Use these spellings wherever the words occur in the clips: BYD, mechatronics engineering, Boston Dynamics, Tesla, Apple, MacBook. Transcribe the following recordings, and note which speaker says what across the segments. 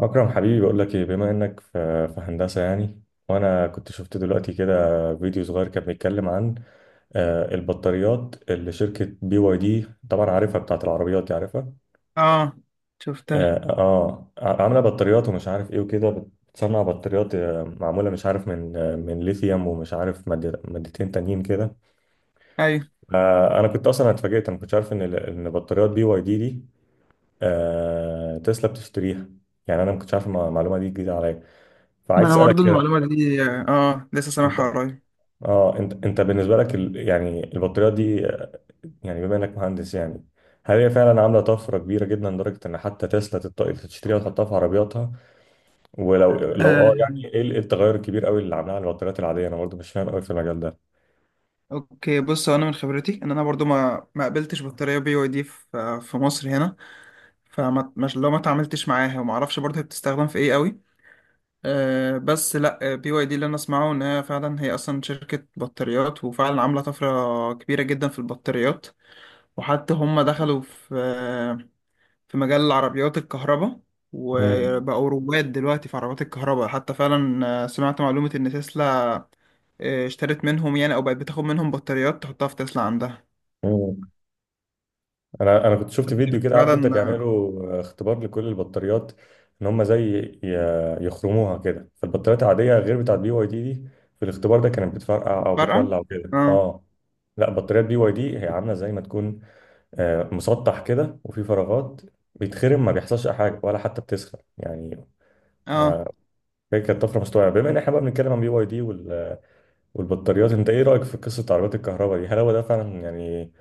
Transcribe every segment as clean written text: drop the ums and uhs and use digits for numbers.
Speaker 1: أكرم حبيبي، بقول لك إيه، بما إنك في هندسة يعني. وأنا كنت شفت دلوقتي كده فيديو صغير كان بيتكلم عن البطاريات اللي شركة بي واي دي، طبعا عارفها بتاعت العربيات دي، عارفها.
Speaker 2: اه شفتها.
Speaker 1: آه, آه عاملة بطاريات ومش عارف إيه وكده، بتصنع بطاريات معمولة مش عارف من من ليثيوم ومش عارف مادتين تانيين كده.
Speaker 2: ايوه،
Speaker 1: أنا كنت أصلا اتفاجئت، أنا ما كنتش عارف إن إن بطاريات بي واي دي دي تسلا بتشتريها. يعني أنا ما كنتش عارف، المعلومة دي جديدة عليا.
Speaker 2: ما
Speaker 1: فعايز
Speaker 2: انا
Speaker 1: أسألك
Speaker 2: برضو
Speaker 1: كده،
Speaker 2: المعلومه دي لسه
Speaker 1: انت.
Speaker 2: سامعها قريب.
Speaker 1: اه انت بالنسبه لك يعني البطاريات دي يعني بما انك مهندس يعني، هل هي فعلا عامله طفره كبيره جدا لدرجه ان حتى تسلا تشتريها وتحطها في عربياتها؟ ولو لو
Speaker 2: آه.
Speaker 1: يعني ايه إيه التغير الكبير قوي اللي عاملها على البطاريات العاديه؟ انا برضه مش فاهم قوي في المجال ده.
Speaker 2: اوكي، بص، هو انا من خبرتي ان انا برضو ما قابلتش بطاريه بي واي دي في مصر هنا. فما مش لو ما اتعاملتش معاها وما اعرفش برضو هي بتستخدم في ايه قوي. بس لا، بي واي دي اللي انا اسمعه ان هي فعلا هي اصلا شركه بطاريات، وفعلا عامله طفره كبيره جدا في البطاريات، وحتى هم دخلوا في مجال عربيات الكهرباء، وبقوا رواد دلوقتي في عربيات الكهرباء. حتى فعلا سمعت معلومة إن تسلا اشترت منهم، يعني أو بقت بتاخد منهم بطاريات تحطها في تسلا عندها.
Speaker 1: امم انا كنت شفت فيديو كده، عارف انت،
Speaker 2: فعلا
Speaker 1: بيعملوا اختبار لكل البطاريات، ان هم زي يخرموها كده، فالبطاريات العاديه غير بتاعت بي واي دي دي، في الاختبار ده كانت بتفرقع او
Speaker 2: فارقة.
Speaker 1: بتولع وكده.
Speaker 2: اه،
Speaker 1: اه لا، بطاريات بي واي دي هي عامله زي ما تكون مسطح كده وفي فراغات، بيتخرم ما بيحصلش أي حاجه ولا حتى بتسخن يعني.
Speaker 2: اه،
Speaker 1: ما هي كانت طفره. مستوعبه؟ بما ان احنا بقى بنتكلم عن بي واي دي والبطاريات، انت ايه رأيك في قصة عربيات الكهرباء دي؟ هل هو ده فعلا يعني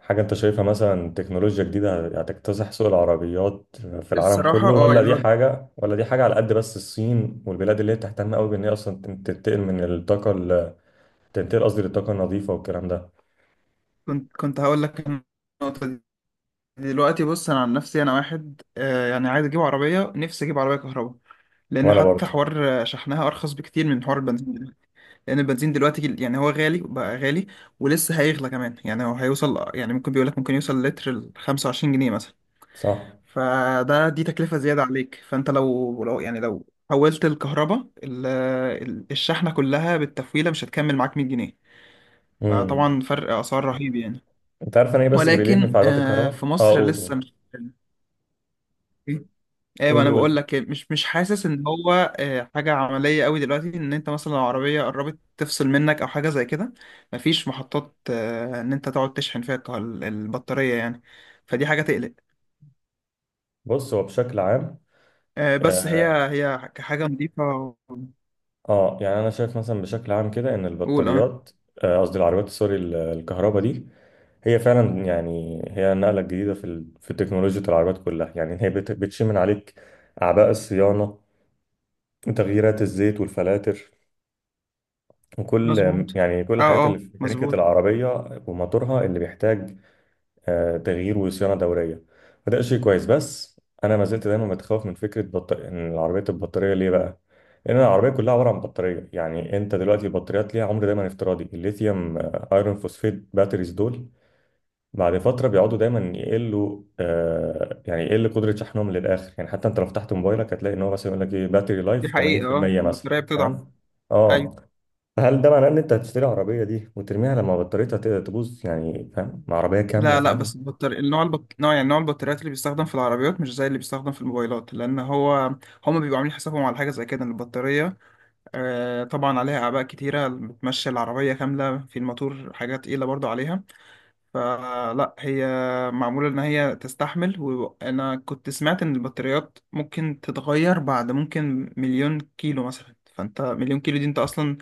Speaker 1: حاجة انت شايفها مثلا تكنولوجيا جديدة هتكتسح سوق العربيات في العالم
Speaker 2: الصراحة
Speaker 1: كله، ولا
Speaker 2: يعني
Speaker 1: دي
Speaker 2: هو،
Speaker 1: حاجة، ولا دي حاجة على قد بس الصين والبلاد اللي هي بتهتم قوي بان هي اصلا تنتقل من الطاقة تنتقل قصدي للطاقة النظيفة والكلام ده؟
Speaker 2: كنت هقول لك النقطة دي. دلوقتي بص، أنا عن نفسي أنا واحد يعني عايز أجيب عربية، نفسي أجيب عربية كهرباء لأن
Speaker 1: وانا
Speaker 2: حتى
Speaker 1: برضو.
Speaker 2: حوار شحنها أرخص بكتير من حوار البنزين. لان البنزين دلوقتي يعني هو غالي، بقى غالي ولسه هيغلى كمان. يعني هو هيوصل، يعني ممكن، بيقول لك ممكن يوصل لتر ل 25 جنيه مثلا.
Speaker 1: صح.
Speaker 2: فده دي تكلفة زيادة عليك. فانت لو لو حولت الكهرباء الشحنة كلها بالتفويلة مش هتكمل معاك 100 جنيه.
Speaker 1: امم
Speaker 2: فطبعا فرق اسعار رهيب يعني.
Speaker 1: انت عارف انا ايه بس اللي بيليني في
Speaker 2: ولكن
Speaker 1: عربيات الكهرباء؟
Speaker 2: في
Speaker 1: اه،
Speaker 2: مصر
Speaker 1: قول قول.
Speaker 2: لسه، مش، ايوه
Speaker 1: قول
Speaker 2: انا
Speaker 1: قول.
Speaker 2: بقول لك مش حاسس ان هو حاجه عمليه قوي دلوقتي. ان انت مثلا لو عربيه قربت تفصل منك او حاجه زي كده، مفيش محطات ان انت تقعد تشحن فيها البطاريه يعني. فدي حاجه تقلق.
Speaker 1: بص، هو بشكل عام
Speaker 2: بس هي
Speaker 1: آه،
Speaker 2: هي كحاجه نظيفه.
Speaker 1: اه يعني انا شايف مثلا بشكل عام كده ان
Speaker 2: قول. اه،
Speaker 1: البطاريات، قصدي العربيات، سوري، الكهرباء دي، هي فعلا يعني هي النقله الجديده في في تكنولوجيا العربيات كلها. يعني هي بتشيل من عليك اعباء الصيانه وتغييرات الزيت والفلاتر، وكل
Speaker 2: مظبوط.
Speaker 1: يعني كل الحاجات
Speaker 2: اه،
Speaker 1: اللي
Speaker 2: اه،
Speaker 1: في ميكانيكا
Speaker 2: مظبوط.
Speaker 1: العربيه، وموتورها اللي بيحتاج تغيير وصيانه دوريه. وده شيء كويس. بس انا ما زلت دايما متخوف من فكره ان العربيه تبقى بطاريه. ليه بقى؟ لان العربيه كلها عباره عن بطاريه. يعني انت دلوقتي البطاريات ليها عمر دايما افتراضي، الليثيوم ايرون فوسفيت باتريز دول بعد فتره بيقعدوا دايما يقلوا. يعني يقل قدره شحنهم للاخر يعني. حتى انت لو فتحت موبايلك هتلاقي ان هو مثلا يقول لك ايه، باتري
Speaker 2: دي
Speaker 1: لايف
Speaker 2: حقيقه، اه
Speaker 1: 80% مثلا.
Speaker 2: البطاريه بتضعف.
Speaker 1: فاهم؟
Speaker 2: ايوه.
Speaker 1: اه. هل ده معناه ان انت هتشتري عربيه دي وترميها لما بطاريتها تبوظ يعني، فاهم، عربيه كامله،
Speaker 2: لا، لا،
Speaker 1: فاهم؟
Speaker 2: بس البطارية النوع، نوع، يعني نوع البطاريات اللي بيستخدم في العربيات مش زي اللي بيستخدم في الموبايلات. لان هو هما بيبقوا عاملين حسابهم على حاجه زي كده، ان البطاريه طبعا عليها أعباء كتيرة. بتمشي العربية كاملة، في الماتور حاجات تقيلة برضو عليها. فلا، هي معمولة إن هي تستحمل. وأنا كنت سمعت إن البطاريات ممكن تتغير بعد ممكن مليون كيلو مثلا. فأنت مليون كيلو دي أنت أصلا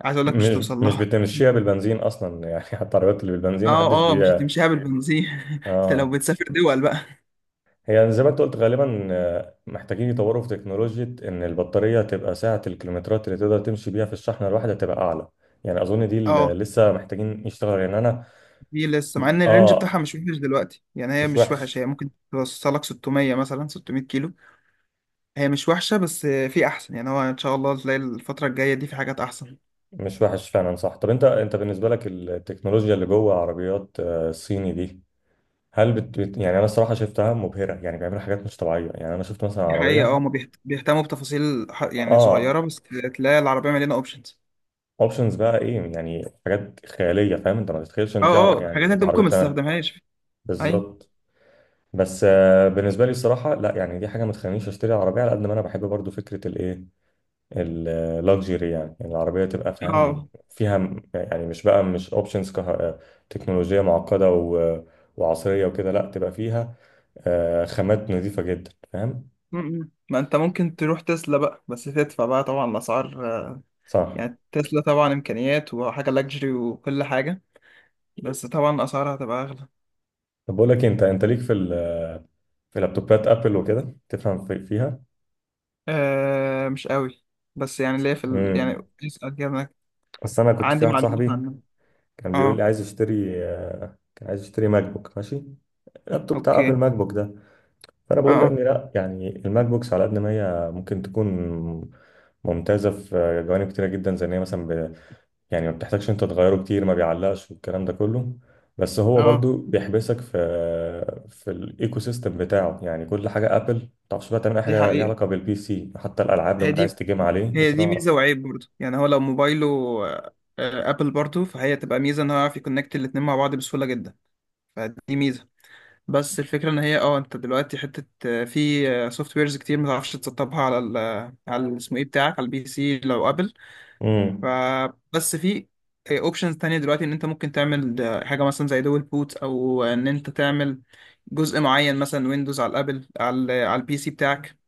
Speaker 2: عايز أقولك مش
Speaker 1: مش
Speaker 2: هتوصل
Speaker 1: مش
Speaker 2: لها.
Speaker 1: بتمشيها بالبنزين اصلا يعني. حتى العربيات اللي بالبنزين ما حدش
Speaker 2: اه، اه، مش
Speaker 1: بي.
Speaker 2: هتمشيها بالبنزين. انت لو
Speaker 1: اه،
Speaker 2: بتسافر دول بقى.
Speaker 1: هي زي ما انت قلت غالبا محتاجين يطوروا في تكنولوجيا ان البطاريه تبقى سعه الكيلومترات اللي تقدر تمشي بيها في الشحنه الواحده تبقى اعلى. يعني اظن دي اللي
Speaker 2: اه،
Speaker 1: لسه محتاجين يشتغلوا يعني، انا.
Speaker 2: دي لسه، مع ان الرينج بتاعها
Speaker 1: اه.
Speaker 2: مش وحش دلوقتي. يعني هي
Speaker 1: مش
Speaker 2: مش
Speaker 1: وحش.
Speaker 2: وحش، هي ممكن توصلك 600 مثلا، 600 كيلو. هي مش وحشة بس في أحسن. يعني هو إن شاء الله تلاقي الفترة الجاية دي في حاجات أحسن.
Speaker 1: مش وحش فعلا، صح. طب انت بالنسبه لك التكنولوجيا اللي جوه عربيات الصيني دي، هل يعني انا الصراحه شفتها مبهره يعني، بيعملوا حاجات مش طبيعيه يعني. انا شفت مثلا
Speaker 2: دي حقيقة،
Speaker 1: عربيه،
Speaker 2: اه، هما بيهتموا بتفاصيل يعني
Speaker 1: اه،
Speaker 2: صغيرة. بس تلاقي العربية مليانة أوبشنز.
Speaker 1: اوبشنز بقى ايه يعني، حاجات خياليه، فاهم؟ انت ما تتخيلش
Speaker 2: اه،
Speaker 1: ان في
Speaker 2: اه، حاجات
Speaker 1: يعني
Speaker 2: أنت
Speaker 1: عربيه
Speaker 2: ممكن ما
Speaker 1: بتعملها.
Speaker 2: تستخدمهاش. أي.
Speaker 1: بالظبط. بس بالنسبه لي الصراحه لا، يعني دي حاجه ما تخلينيش اشتري عربيه على قد ما انا بحب برضو فكره الايه، اللوكجري يعني. يعني العربيه تبقى فاهم
Speaker 2: اه.
Speaker 1: فيها يعني مش بقى، مش اوبشنز كه... آه، تكنولوجيه معقده و... وعصريه وكده. لا، تبقى فيها خامات نظيفه جدا، فاهم.
Speaker 2: م- م. ما أنت ممكن تروح تسلا بقى، بس تدفع بقى. طبعا الأسعار
Speaker 1: صح.
Speaker 2: يعني تسلا طبعا إمكانيات وحاجة لاكجري وكل حاجة، بس طبعا أسعارها هتبقى أغلى.
Speaker 1: طب بقول لك إيه، انت ليك في في لابتوبات ابل وكده؟ تفهم فيها؟
Speaker 2: آه، مش قوي، بس يعني ليه في ال... يعني
Speaker 1: امم
Speaker 2: اسأل كده.
Speaker 1: بس انا كنت في
Speaker 2: عندي
Speaker 1: واحد
Speaker 2: معلومات
Speaker 1: صاحبي
Speaker 2: عنها.
Speaker 1: كان بيقول لي
Speaker 2: اه،
Speaker 1: عايز يشتري آه، كان عايز يشتري ماك بوك، ماشي، اللابتوب بتاع
Speaker 2: اوكي.
Speaker 1: ابل، ماك بوك ده. فانا بقول له يا
Speaker 2: اه،
Speaker 1: ابني لا، يعني الماك بوكس على قد ما هي ممكن تكون ممتازه في جوانب كتيره جدا، زي ان هي مثلا يعني ما بتحتاجش انت تغيره كتير، ما بيعلقش، والكلام ده كله، بس
Speaker 2: اه،
Speaker 1: هو
Speaker 2: آه.
Speaker 1: برضو بيحبسك في الايكو سيستم بتاعه. يعني كل حاجه ابل، ما تعرفش بقى تعمل اي
Speaker 2: دي
Speaker 1: حاجه ليها
Speaker 2: حقيقة.
Speaker 1: علاقه بالبي سي، حتى الالعاب لو
Speaker 2: هي
Speaker 1: انت عايز
Speaker 2: دي
Speaker 1: تجيم عليه
Speaker 2: هي
Speaker 1: مش
Speaker 2: دي
Speaker 1: هتعرف.
Speaker 2: ميزة وعيب برضه. يعني هو لو موبايله آه، ابل برضه، فهي تبقى ميزة ان هو يعرف يكونكت الاتنين مع بعض بسهولة جدا. فدي ميزة. بس الفكرة ان هي انت دلوقتي حتة في سوفت ويرز كتير ما تعرفش تسطبها على ال على اسمه ايه بتاعك على البي سي لو ابل.
Speaker 1: امم.
Speaker 2: فبس في اوبشنز تانية دلوقتي ان انت ممكن تعمل حاجة مثلا زي دول بوت، او ان انت تعمل جزء معين مثلا ويندوز على الابل، على ال- على البي سي بتاعك.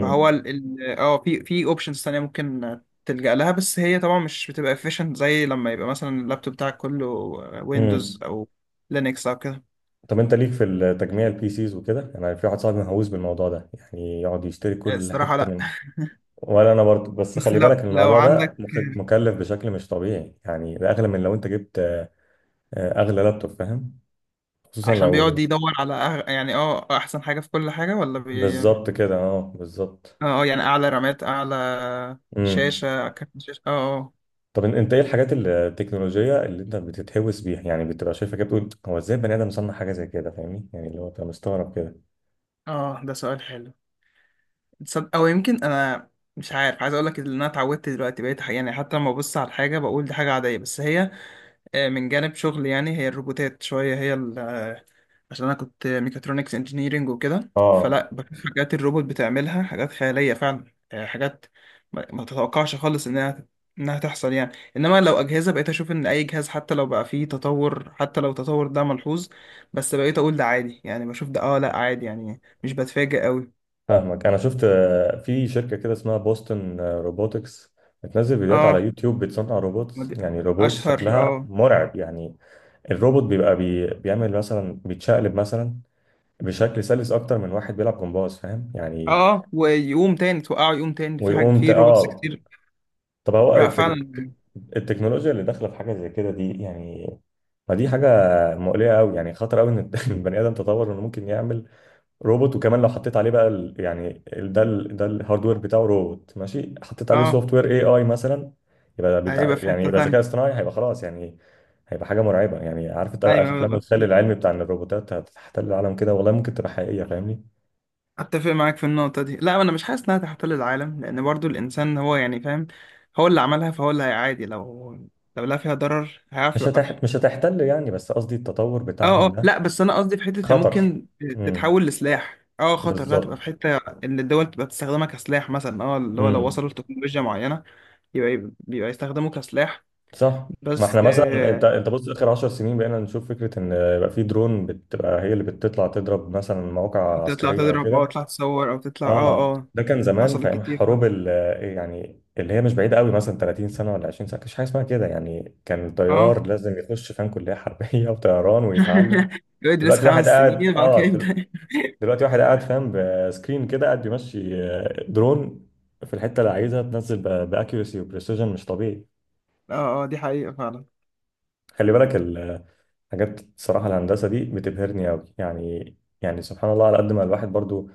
Speaker 2: فهو في اوبشنز تانية ممكن تلجأ لها. بس هي طبعا مش بتبقى efficient زي لما يبقى مثلا اللابتوب بتاعك كله ويندوز
Speaker 1: امم.
Speaker 2: او لينكس او كده.
Speaker 1: طب انت ليك في التجميع، البي سيز وكده؟ انا في واحد صاحبي مهووس بالموضوع ده يعني، يقعد يشتري كل
Speaker 2: الصراحة
Speaker 1: حته
Speaker 2: لا،
Speaker 1: من. ولا انا برضه، بس
Speaker 2: بس
Speaker 1: خلي بالك
Speaker 2: لو
Speaker 1: ان الموضوع ده
Speaker 2: عندك،
Speaker 1: مكلف بشكل مش طبيعي يعني، ده اغلى من لو انت جبت اغلى لابتوب، فاهم؟ خصوصا
Speaker 2: عشان بيقعد
Speaker 1: لو.
Speaker 2: يدور على يعني، احسن حاجة في كل حاجة، ولا اه،
Speaker 1: بالظبط كده، اه، بالظبط.
Speaker 2: يعني اعلى رامات، اعلى
Speaker 1: امم
Speaker 2: شاشة، كارت شاشة، اه.
Speaker 1: طب انت ايه الحاجات التكنولوجيه اللي انت بتتهوس بيها يعني، بتبقى شايفها كده بتقول هو ازاي بني ادم صنع حاجه زي كده؟ فاهمني يعني، اللي هو انت مستغرب كده.
Speaker 2: اه، اه، ده سؤال حلو. تصدق او يمكن، انا مش عارف، عايز اقول لك ان انا اتعودت دلوقتي، بقيت يعني حتى لما ببص على الحاجة بقول دي حاجة عادية. بس هي من جانب شغلي، يعني هي الروبوتات شوية. هي عشان أنا كنت ميكاترونكس انجينيرينج وكده،
Speaker 1: اه
Speaker 2: فلا بشوف حاجات الروبوت بتعملها حاجات خيالية فعلا. حاجات ما تتوقعش خالص إنها تحصل يعني. إنما لو أجهزة، بقيت أشوف إن أي جهاز حتى لو بقى فيه تطور، حتى لو التطور ده ملحوظ، بس بقيت أقول ده عادي. يعني بشوف ده أه لأ عادي، يعني مش بتفاجئ أوي.
Speaker 1: فاهمك. انا شفت في شركه كده اسمها بوستون روبوتكس، بتنزل فيديوهات على
Speaker 2: أه.
Speaker 1: يوتيوب، بتصنع
Speaker 2: ما
Speaker 1: روبوتس.
Speaker 2: دي...
Speaker 1: يعني روبوتس
Speaker 2: أشهر،
Speaker 1: شكلها
Speaker 2: أه،
Speaker 1: مرعب يعني. الروبوت بيبقى بيعمل مثلا بيتشقلب مثلا بشكل سلس اكتر من واحد بيلعب جمباز، فاهم
Speaker 2: أه،
Speaker 1: يعني؟
Speaker 2: ويقوم تاني، توقعه يقوم تاني. في حاجة
Speaker 1: ويقوم ت...
Speaker 2: في روبوتس
Speaker 1: اه
Speaker 2: كتير.
Speaker 1: طب هو
Speaker 2: لأ، فعلا يعني،
Speaker 1: التكنولوجيا اللي داخله في حاجه زي كده دي يعني، ما دي حاجه مقلقه قوي يعني، خطر قوي ان البني ادم تطور انه ممكن يعمل روبوت. وكمان لو حطيت عليه بقى ده الهاردوير بتاعه، روبوت ماشي، حطيت عليه
Speaker 2: أه
Speaker 1: سوفت وير اي مثلا، يبقى بتاع،
Speaker 2: هيبقى في
Speaker 1: يعني
Speaker 2: حتة
Speaker 1: يبقى ذكاء
Speaker 2: تانية.
Speaker 1: اصطناعي، هيبقى خلاص يعني، هيبقى حاجه مرعبه يعني. عارف انت افلام
Speaker 2: أيوة،
Speaker 1: الخيال العلمي بتاع ان الروبوتات هتحتل العالم كده؟ والله ممكن تبقى حقيقيه، فاهمني؟
Speaker 2: أتفق معاك في النقطة دي. لا، أنا مش حاسس إنها تحتل العالم لأن برضو الإنسان هو، يعني فاهم، هو اللي عملها فهو اللي هيعادي لو لا فيها ضرر هيعرف يوقفها.
Speaker 1: مش هتحتل يعني، بس قصدي التطور
Speaker 2: أه،
Speaker 1: بتاعهم
Speaker 2: أه،
Speaker 1: ده
Speaker 2: لا بس أنا قصدي في حتة هي
Speaker 1: خطر.
Speaker 2: ممكن
Speaker 1: امم.
Speaker 2: تتحول لسلاح. أه، خطر إنها تبقى في
Speaker 1: بالظبط.
Speaker 2: حتة، إن الدول تبقى تستخدمها كسلاح مثلا. أه اللي هو لو
Speaker 1: امم.
Speaker 2: وصلوا لتكنولوجيا معينة، يبقى بيبقى يستخدموه كسلاح.
Speaker 1: صح. ما
Speaker 2: بس
Speaker 1: احنا مثلا، انت انت بص، اخر 10 سنين بقينا نشوف فكره ان يبقى في درون بتبقى هي اللي بتطلع تضرب مثلا مواقع
Speaker 2: تطلع
Speaker 1: عسكريه او
Speaker 2: تضرب، أه
Speaker 1: كده.
Speaker 2: تطلع تصور، أو تطلع،
Speaker 1: اه.
Speaker 2: أه، أه
Speaker 1: ده كان زمان في
Speaker 2: حصلت
Speaker 1: ايام
Speaker 2: كتير فعلا.
Speaker 1: حروب ال يعني اللي هي مش بعيده قوي، مثلا 30 سنه ولا 20 سنه كانش حاجه اسمها كده يعني. كان
Speaker 2: أه
Speaker 1: طيار لازم يخش فاهم، كليه حربيه وطيران ويتعلم.
Speaker 2: يدرس
Speaker 1: دلوقتي واحد
Speaker 2: خمس
Speaker 1: قاعد
Speaker 2: سنين بعد كده
Speaker 1: اه دل-
Speaker 2: يبدأ.
Speaker 1: دلوقتي واحد قاعد فاهم بسكرين كده، قاعد بيمشي درون في الحته اللي عايزها تنزل، باكيوسي وبريسيجن مش طبيعي.
Speaker 2: اه، اه، دي حقيقة فعلا.
Speaker 1: خلي بالك الحاجات، الصراحه الهندسه دي بتبهرني قوي يعني سبحان الله، على قد ما الواحد برضو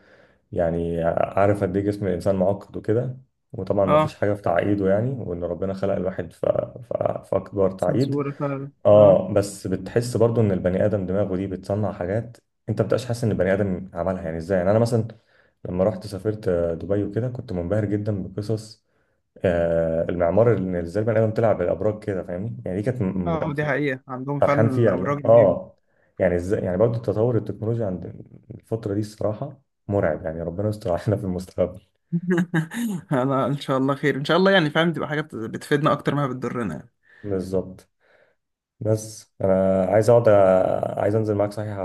Speaker 1: يعني عارف قد ايه جسم الانسان معقد وكده، وطبعا ما فيش
Speaker 2: اه،
Speaker 1: حاجه في تعقيده يعني، وان ربنا خلق الواحد في اكبر تعقيد،
Speaker 2: سنسورة فعلا. اه،
Speaker 1: اه، بس بتحس برضو ان البني ادم دماغه دي بتصنع حاجات انت بتبقاش حاسس ان البني ادم عملها، يعني ازاي يعني. انا مثلا لما رحت سافرت دبي وكده كنت منبهر جدا بقصص المعمار، اللي ازاي البني ادم طلع بالابراج كده، فاهمني يعني؟ دي كانت م-
Speaker 2: اه، دي حقيقة، عندهم
Speaker 1: فرحان
Speaker 2: فعلا
Speaker 1: فيه على
Speaker 2: الأبراج رهيبة.
Speaker 1: يعني ازاي يعني برضه تطور التكنولوجيا عند الفترة دي، الصراحة مرعب يعني. ربنا يستر علينا في المستقبل.
Speaker 2: أنا إن شاء الله خير. إن شاء الله يعني فاهم، تبقى حاجة بتفيدنا أكتر ما بتضرنا يعني.
Speaker 1: بالظبط. بس انا عايز اقعد عايز انزل معاك صحيح،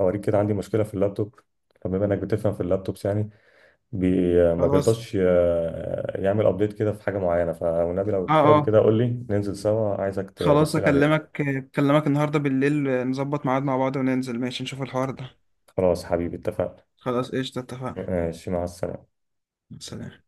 Speaker 1: اوريك كده عندي مشكله في اللابتوب، فبما انك بتفهم في اللابتوبس يعني، بي ما
Speaker 2: خلاص.
Speaker 1: بيرضاش يعمل ابديت كده في حاجه معينه، فالنبي لو
Speaker 2: اه،
Speaker 1: فاضي
Speaker 2: اه،
Speaker 1: كده قول لي ننزل سوا، عايزك
Speaker 2: خلاص،
Speaker 1: تبص لي عليه.
Speaker 2: أكلمك، أكلمك النهاردة بالليل نظبط ميعاد مع بعض، وننزل ماشي نشوف الحوار ده.
Speaker 1: خلاص حبيبي، اتفقنا.
Speaker 2: خلاص قشطة، اتفقنا.
Speaker 1: ماشي، مع السلامه.
Speaker 2: سلام.